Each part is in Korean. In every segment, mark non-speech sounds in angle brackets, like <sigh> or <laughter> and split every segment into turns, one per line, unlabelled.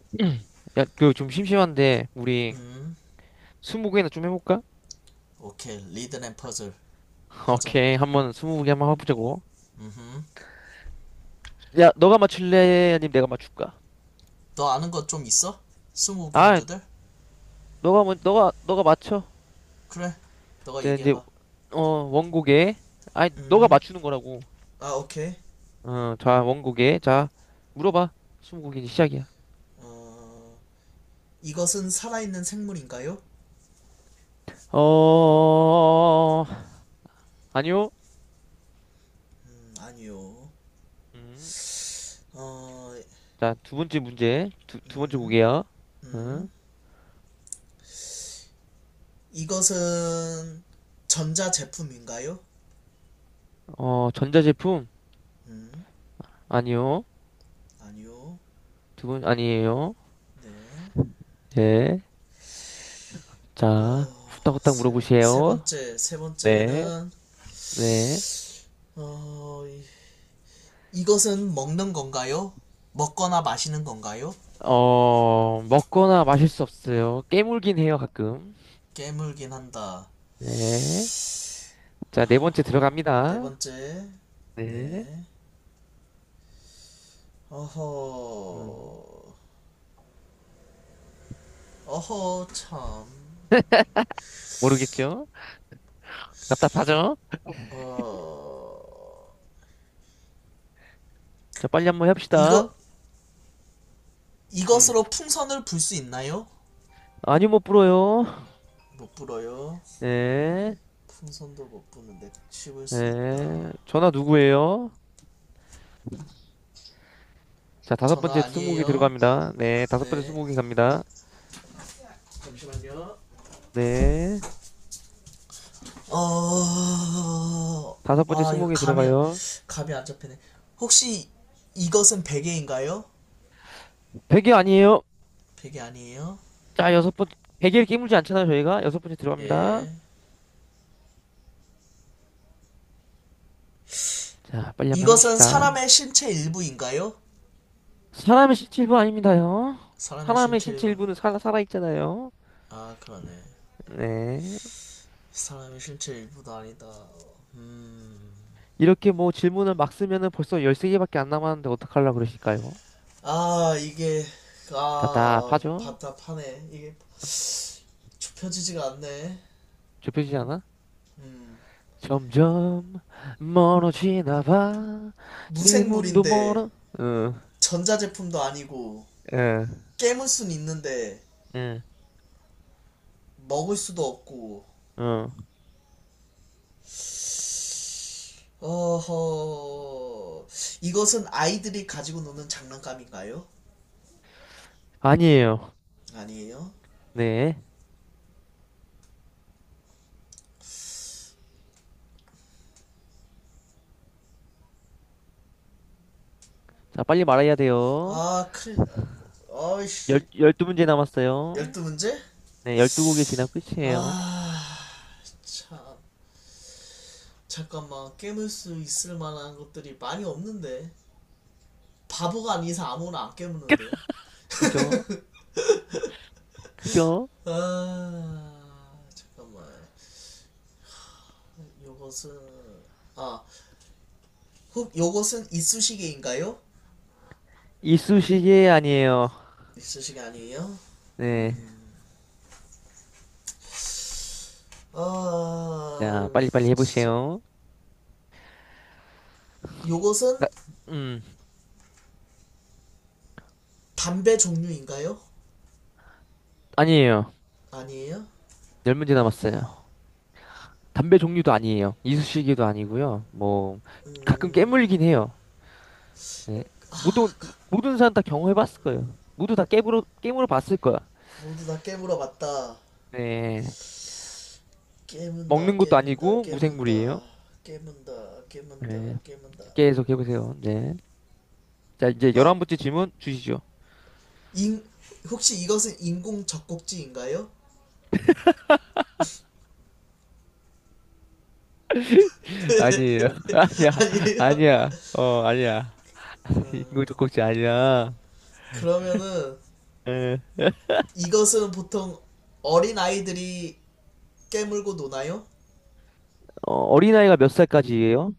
<clears throat> 야, 그 좀 심심한데 우리
음,
스무고개나 좀 해볼까?
오케이. 리든 앤 퍼즐
<laughs>
하자.
오케이, 한번 스무고개 한번 해보자고.
음,
야, 너가 맞출래? 아니면 내가 맞출까?
너 아는 거 좀 있어? 스무고개
아,
문제들?
너가 먼 너가 너가 맞춰.
그래, 너가
이제
얘기해봐.
어 원곡에. 아니, 너가
음,
맞추는 거라고.
오케이.
어, 자 원곡에. 자 물어봐. 스무고개 이제 시작이야.
어, 이것은 살아있는 생물인가요?
어, 아니요.
아니요.
음,
어,
자두 번째 문제, 두 번째
음,
곡이야. 응?
음, 이것은 전자 제품인가요?
어, 전자제품.
음,
아니요.
아니요.
두 번 아니에요.
네.
예. 자, 후딱후딱 물어보세요.
세
네,
번째는,
네.
어, 이, 이것은 먹는 건가요? 먹거나 마시는 건가요?
어, 먹거나 마실 수 없어요. 깨물긴 해요, 가끔.
깨물긴 한다.
네. 자, 네 번째
네
들어갑니다.
번째.
네.
네.
음,
어허. 어허, 참.
모르겠죠? 답답하죠?
어.
자, 빨리 한번 합시다.
이거,
음.
이것으로 풍선을 불 수 있나요?
아니요, 못 불어요.
못 불어요.
네,
풍선도 못 부는데 씹을 수
네.
있다.
전화 누구예요? 자, 다섯
전화
번째
아니에요?
스무고개 들어갑니다. 네, 다섯 번째
네.
스무고개 갑니다.
잠시만요.
네.
어.
다섯 번째
아, 이거
스무고개 들어가요.
감이 안 잡히네. 혹시 이것은 베개인가요?
백이 아니에요.
베개 아니에요?
자, 여섯 번, 베개를 깨물지 않잖아요, 저희가. 여섯 번째 들어갑니다.
예.
자, 빨리 한번
이것은
해봅시다.
사람의 신체 일부인가요?
사람의 신체 일부 아닙니다요.
사람의
사람의
신체
신체
일부.
일부는 살아있잖아요.
아, 그러네.
네.
사람의 신체 일부도 아니다. 음.
이렇게 뭐 질문을 막 쓰면은 벌써 13개밖에 안 남았는데 어떡하려고 그러실까요?
아,
답답하죠?
답답하네. 이게 좁혀지지가 않네.
좁혀지지 않아?
음.
점점 멀어지나 봐. 질문도
무생물인데,
멀어. 응,
전자제품도 아니고,
응,
깨물 순 있는데,
응,
먹을 수도 없고,
응.
어허, 이것은 아이들이 가지고 노는 장난감인가요?
아니에요.
아니에요.
네. 자, 빨리 말해야 돼요.
아, 큰일, 나.
열,
아이씨,
열두 문제 남았어요.
열두 문제.
네, 12곡이 지나 끝이에요.
아, 참. 잠깐만, 깨물 수 있을 만한 것들이 많이 없는데. 바보가 아닌 이상 아무거나 안 깨무는데.
그죠? 그죠?
아, 잠깐만. 요것은, 아, 혹 요것은 이쑤시개인가요?
이쑤시개 아니에요.
이쑤시개 아니에요?
네.
음,
자,
아,
빨리빨리
진짜.
해보세요. 아,
요것은
음,
담배 종류인가요?
아니에요.
아니에요?
열 문제 남았어요. 담배 종류도 아니에요. 이쑤시개도 아니고요. 뭐, 가끔
음...
깨물긴 해요. 네.
아,
모든, 모든 사람 다 경험해봤을 거예요. 모두 다 깨물어 봤을 거야.
모두 다 깨물어 봤다.
네.
깨문다,
먹는 것도
깨문다,
아니고,
깨문다,
무생물이에요.
깨문다, 깨문다,
네.
깨문다.
계속 해보세요. 네. 자, 이제 열한
어?
번째 질문 주시죠.
인... 혹시 이것은 인공 젖꼭지인가요?
아니에요. <laughs>
<laughs>
아니야.
아니에요?
아니야. 어, 아니야.
음,
<laughs> 인공젖꼭지 아니야.
그러면은
에. <laughs>
이것은 보통 어린 아이들이 깨물고 노나요?
어, 어린아이가 몇 살까지예요?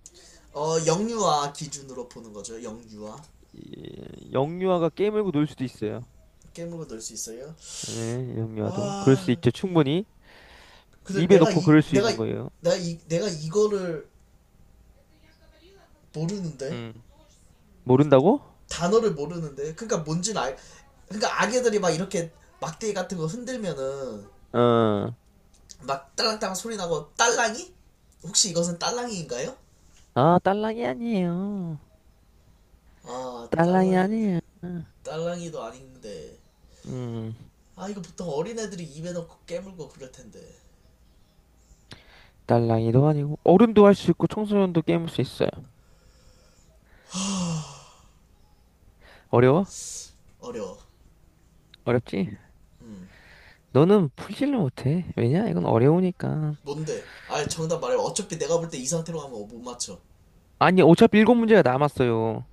영유아 기준으로 보는 거죠. 영유아.
영유아가 깨물고 놀 수도 있어요.
깨물고 놀 수 있어요?
예, 영유아도. 그럴 수
아,
있죠. 충분히.
근데
입에
내가
넣고
이
그럴 수
내가
있는
이-
거예요.
내가 이 내가 이거를 모르는데
음. 모른다고?
단어를 모르는데 그러니까 뭔지는 알 그러니까 아기들이 막 이렇게 막대기 같은 거 흔들면은
어.
막 딸랑딸랑 소리 나고 딸랑이 혹시 이것은 딸랑이인가요?
아, 딸랑이 아니에요.
아,
딸랑이
딸랑이.
아니에요.
딸랑이도 아닌데
음.
아, 이거 보통 어린애들이 입에 넣고 깨물고 그럴 텐데
딸랑이도 아니고 어른도 할 수 있고 청소년도 게임할 수 있어요. 어려워?
어려워.
어렵지? 너는 풀지를 못해. 왜냐? 이건 어려우니까.
뭔데? 아, 정답 말해. 어차피 내가 볼 때 이 상태로 가면 못 맞춰.
아니, 어차피 일곱 문제가 남았어요.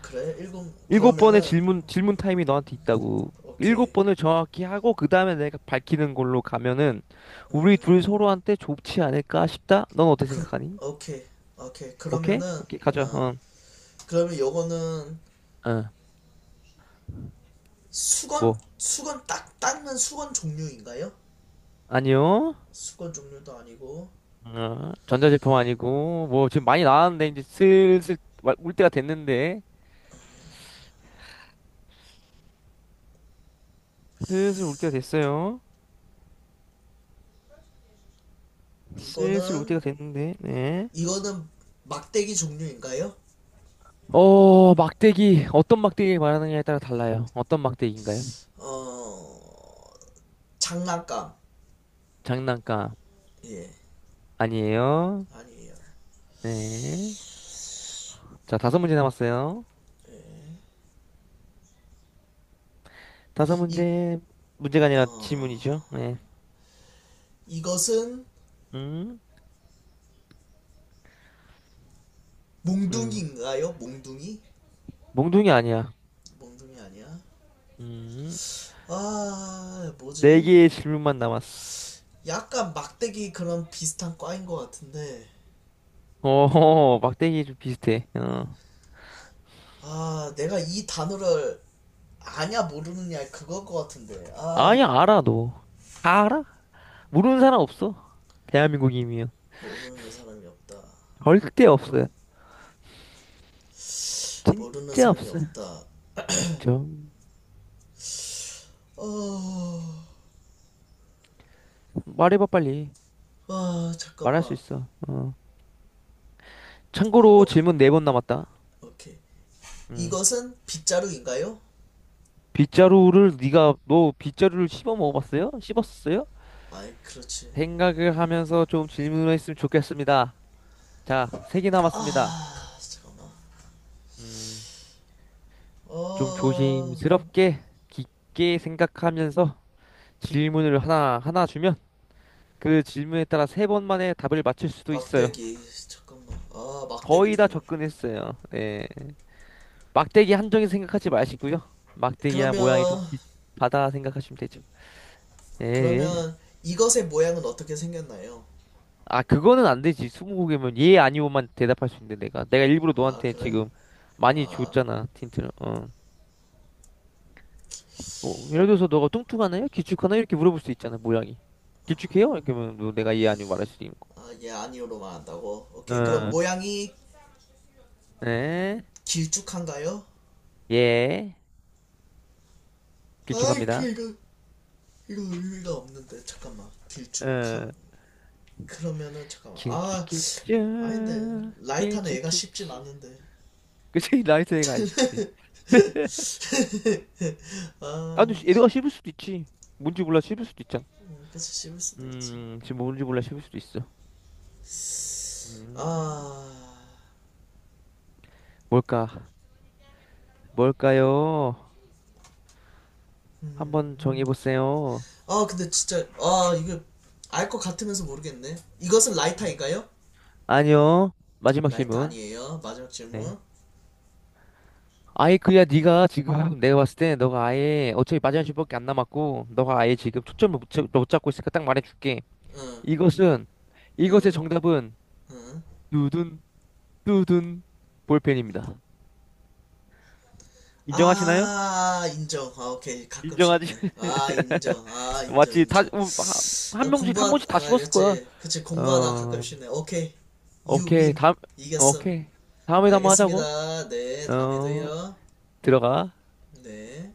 그래, 일곱.
일곱 번의
그러면은
질문, 질문 타임이 너한테 있다고. 일곱
오케이.
번을 정확히 하고, 그 다음에 내가 밝히는 걸로 가면은, 우리 둘
음
서로한테 좋지 않을까 싶다? 넌 어떻게
그
생각하니?
오케이, 오케이,
오케이?
그러면은
오케이, 가자.
어
어,
그러면 요거는
어,
수건
뭐.
수건 딱 닦는 수건 종류인가요?
아니요.
수건 종류도 아니고
어, 전자제품 아니고, 뭐, 지금 많이 나왔는데, 이제 슬슬 올 때가 됐는데. 슬슬 올 때가 됐어요. 슬슬 올
이거는
때가 됐는데, 네.
이거는 막대기 종류인가요?
어, 막대기. 어떤 막대기 말하느냐에 따라 달라요. 어떤 막대기인가요?
어 장난감.
장난감
예.
아니에요.
아니에요.
네. 자, 다섯 문제 남았어요. 다섯
이
문제, 문제가 아니라
어
질문이죠. 네.
이것은
음, 음.
몽둥이인가요? 몽둥이.
몽둥이 아니야.
몽둥이 아니야.
음.
아,
네
뭐지.
개의 질문만 남았어.
약간 막대기 그런 비슷한 과인 것 같은데
어, 막대기 좀 비슷해. 어.
아, 내가 이 단어를 아냐 모르느냐 그걸 것 같은데. 아,
아니, 알아, 너. 다 알아? 모르는 사람 없어. 대한민국이면.
모르는 사람이 없다.
절대 없어요.
모르는
진짜
사람이
없어요.
없다.
없죠.
어,
말해봐, 빨리.
아,
말할 수
잠깐만.
있어. 어. 참고로
어,
질문 네 번 남았다.
오케이.
음.
이것은 빗자루인가요?
빗자루를 네가 너 빗자루를 씹어 먹어봤어요? 씹었어요?
아이, 그렇지.
생각을 하면서 좀 질문을 했으면 좋겠습니다. 자, 세 개 남았습니다.
아, 잠깐만.
음, 좀
어,
조심스럽게 깊게 생각하면서 질문을 하나 하나 주면 그 질문에 따라 세 번 만에 답을 맞출 수도 있어요.
막대기. 잠깐만. 아, 막대기
거의 다
종류.
접근했어요. 네. 막대기 한정인 생각하지 마시고요. 막대기랑
그러면,
모양이 좀 비슷하다 생각하시면 되죠. 예, 예.
그러면 이것의 모양은 어떻게 생겼나요?
아, 그거는 안 되지. 스무고개면 예, 아니오만 대답할 수 있는데 내가. 내가 일부러
아,
너한테
그래?
지금 많이
아,
줬잖아, 틴트를. 어. 뭐, 예를 들어서 너가 뚱뚱하나요? 길쭉하나요? 이렇게 물어볼 수 있잖아, 모양이. 길쭉해요? 이렇게 하면 뭐 내가 예, 아니오 말할 수도 있는
아, 예, 아니요로만 한다고?
거.
오케이, 그럼
어.
모양이
에?
길쭉한가요?
예.
아이,
길쭉합니다.
이거 의미가 없는데, 잠깐만.
어.
길쭉하면, 그러면은, 잠깐만. 아,
길쭉,
아닌데.
길쭉.
라이터는
길쭉,
애가 쉽진
길쭉.
않은데.
그치, 나이스 애가 안 쉽지. <laughs>
<laughs>
아,
아,
근데 애가 씹을 수도 있지. 뭔지 몰라 씹을 수도 있잖아.
그치, 씹을 수도 있지.
지금 뭔지 몰라 씹을 수도 있어. 음,
아,
뭘까? 뭘까요?
음,
한번
음.
정해보세요.
아, 근데 진짜, 아, 알 것 같으면서 모르겠네. 이것은
음.
라이터인가요?
아니요. 마지막
라이터
질문.
아니에요. 마지막
네.
질문.
아예 그야 네가 지금 내가 봤을 때 너가 아예 어차피 마지막 질문밖에 안 남았고 너가 아예 지금 초점을 못 잡고 있으니까 딱 말해줄게.
응,
이것은 이것의
응,
정답은
응.
두둔 두둔 볼펜입니다. 인정하시나요?
아, 인정. 아, 오케이. 가끔
인정하지?
쉽네. 아, 인정. 아,
<laughs>
인정,
맞지? 다
인정.
한
나
명씩 한
공부하
번씩 다
아,
씹었을 거야.
그치, 그치, 공부하다 가끔
어,
쉽네. 오케이. You
오케이
win.
다음
이겼어.
오케이, 다음에 한번 하자고.
알겠습니다. 네,
어,
다음에도요.
들어가.
네.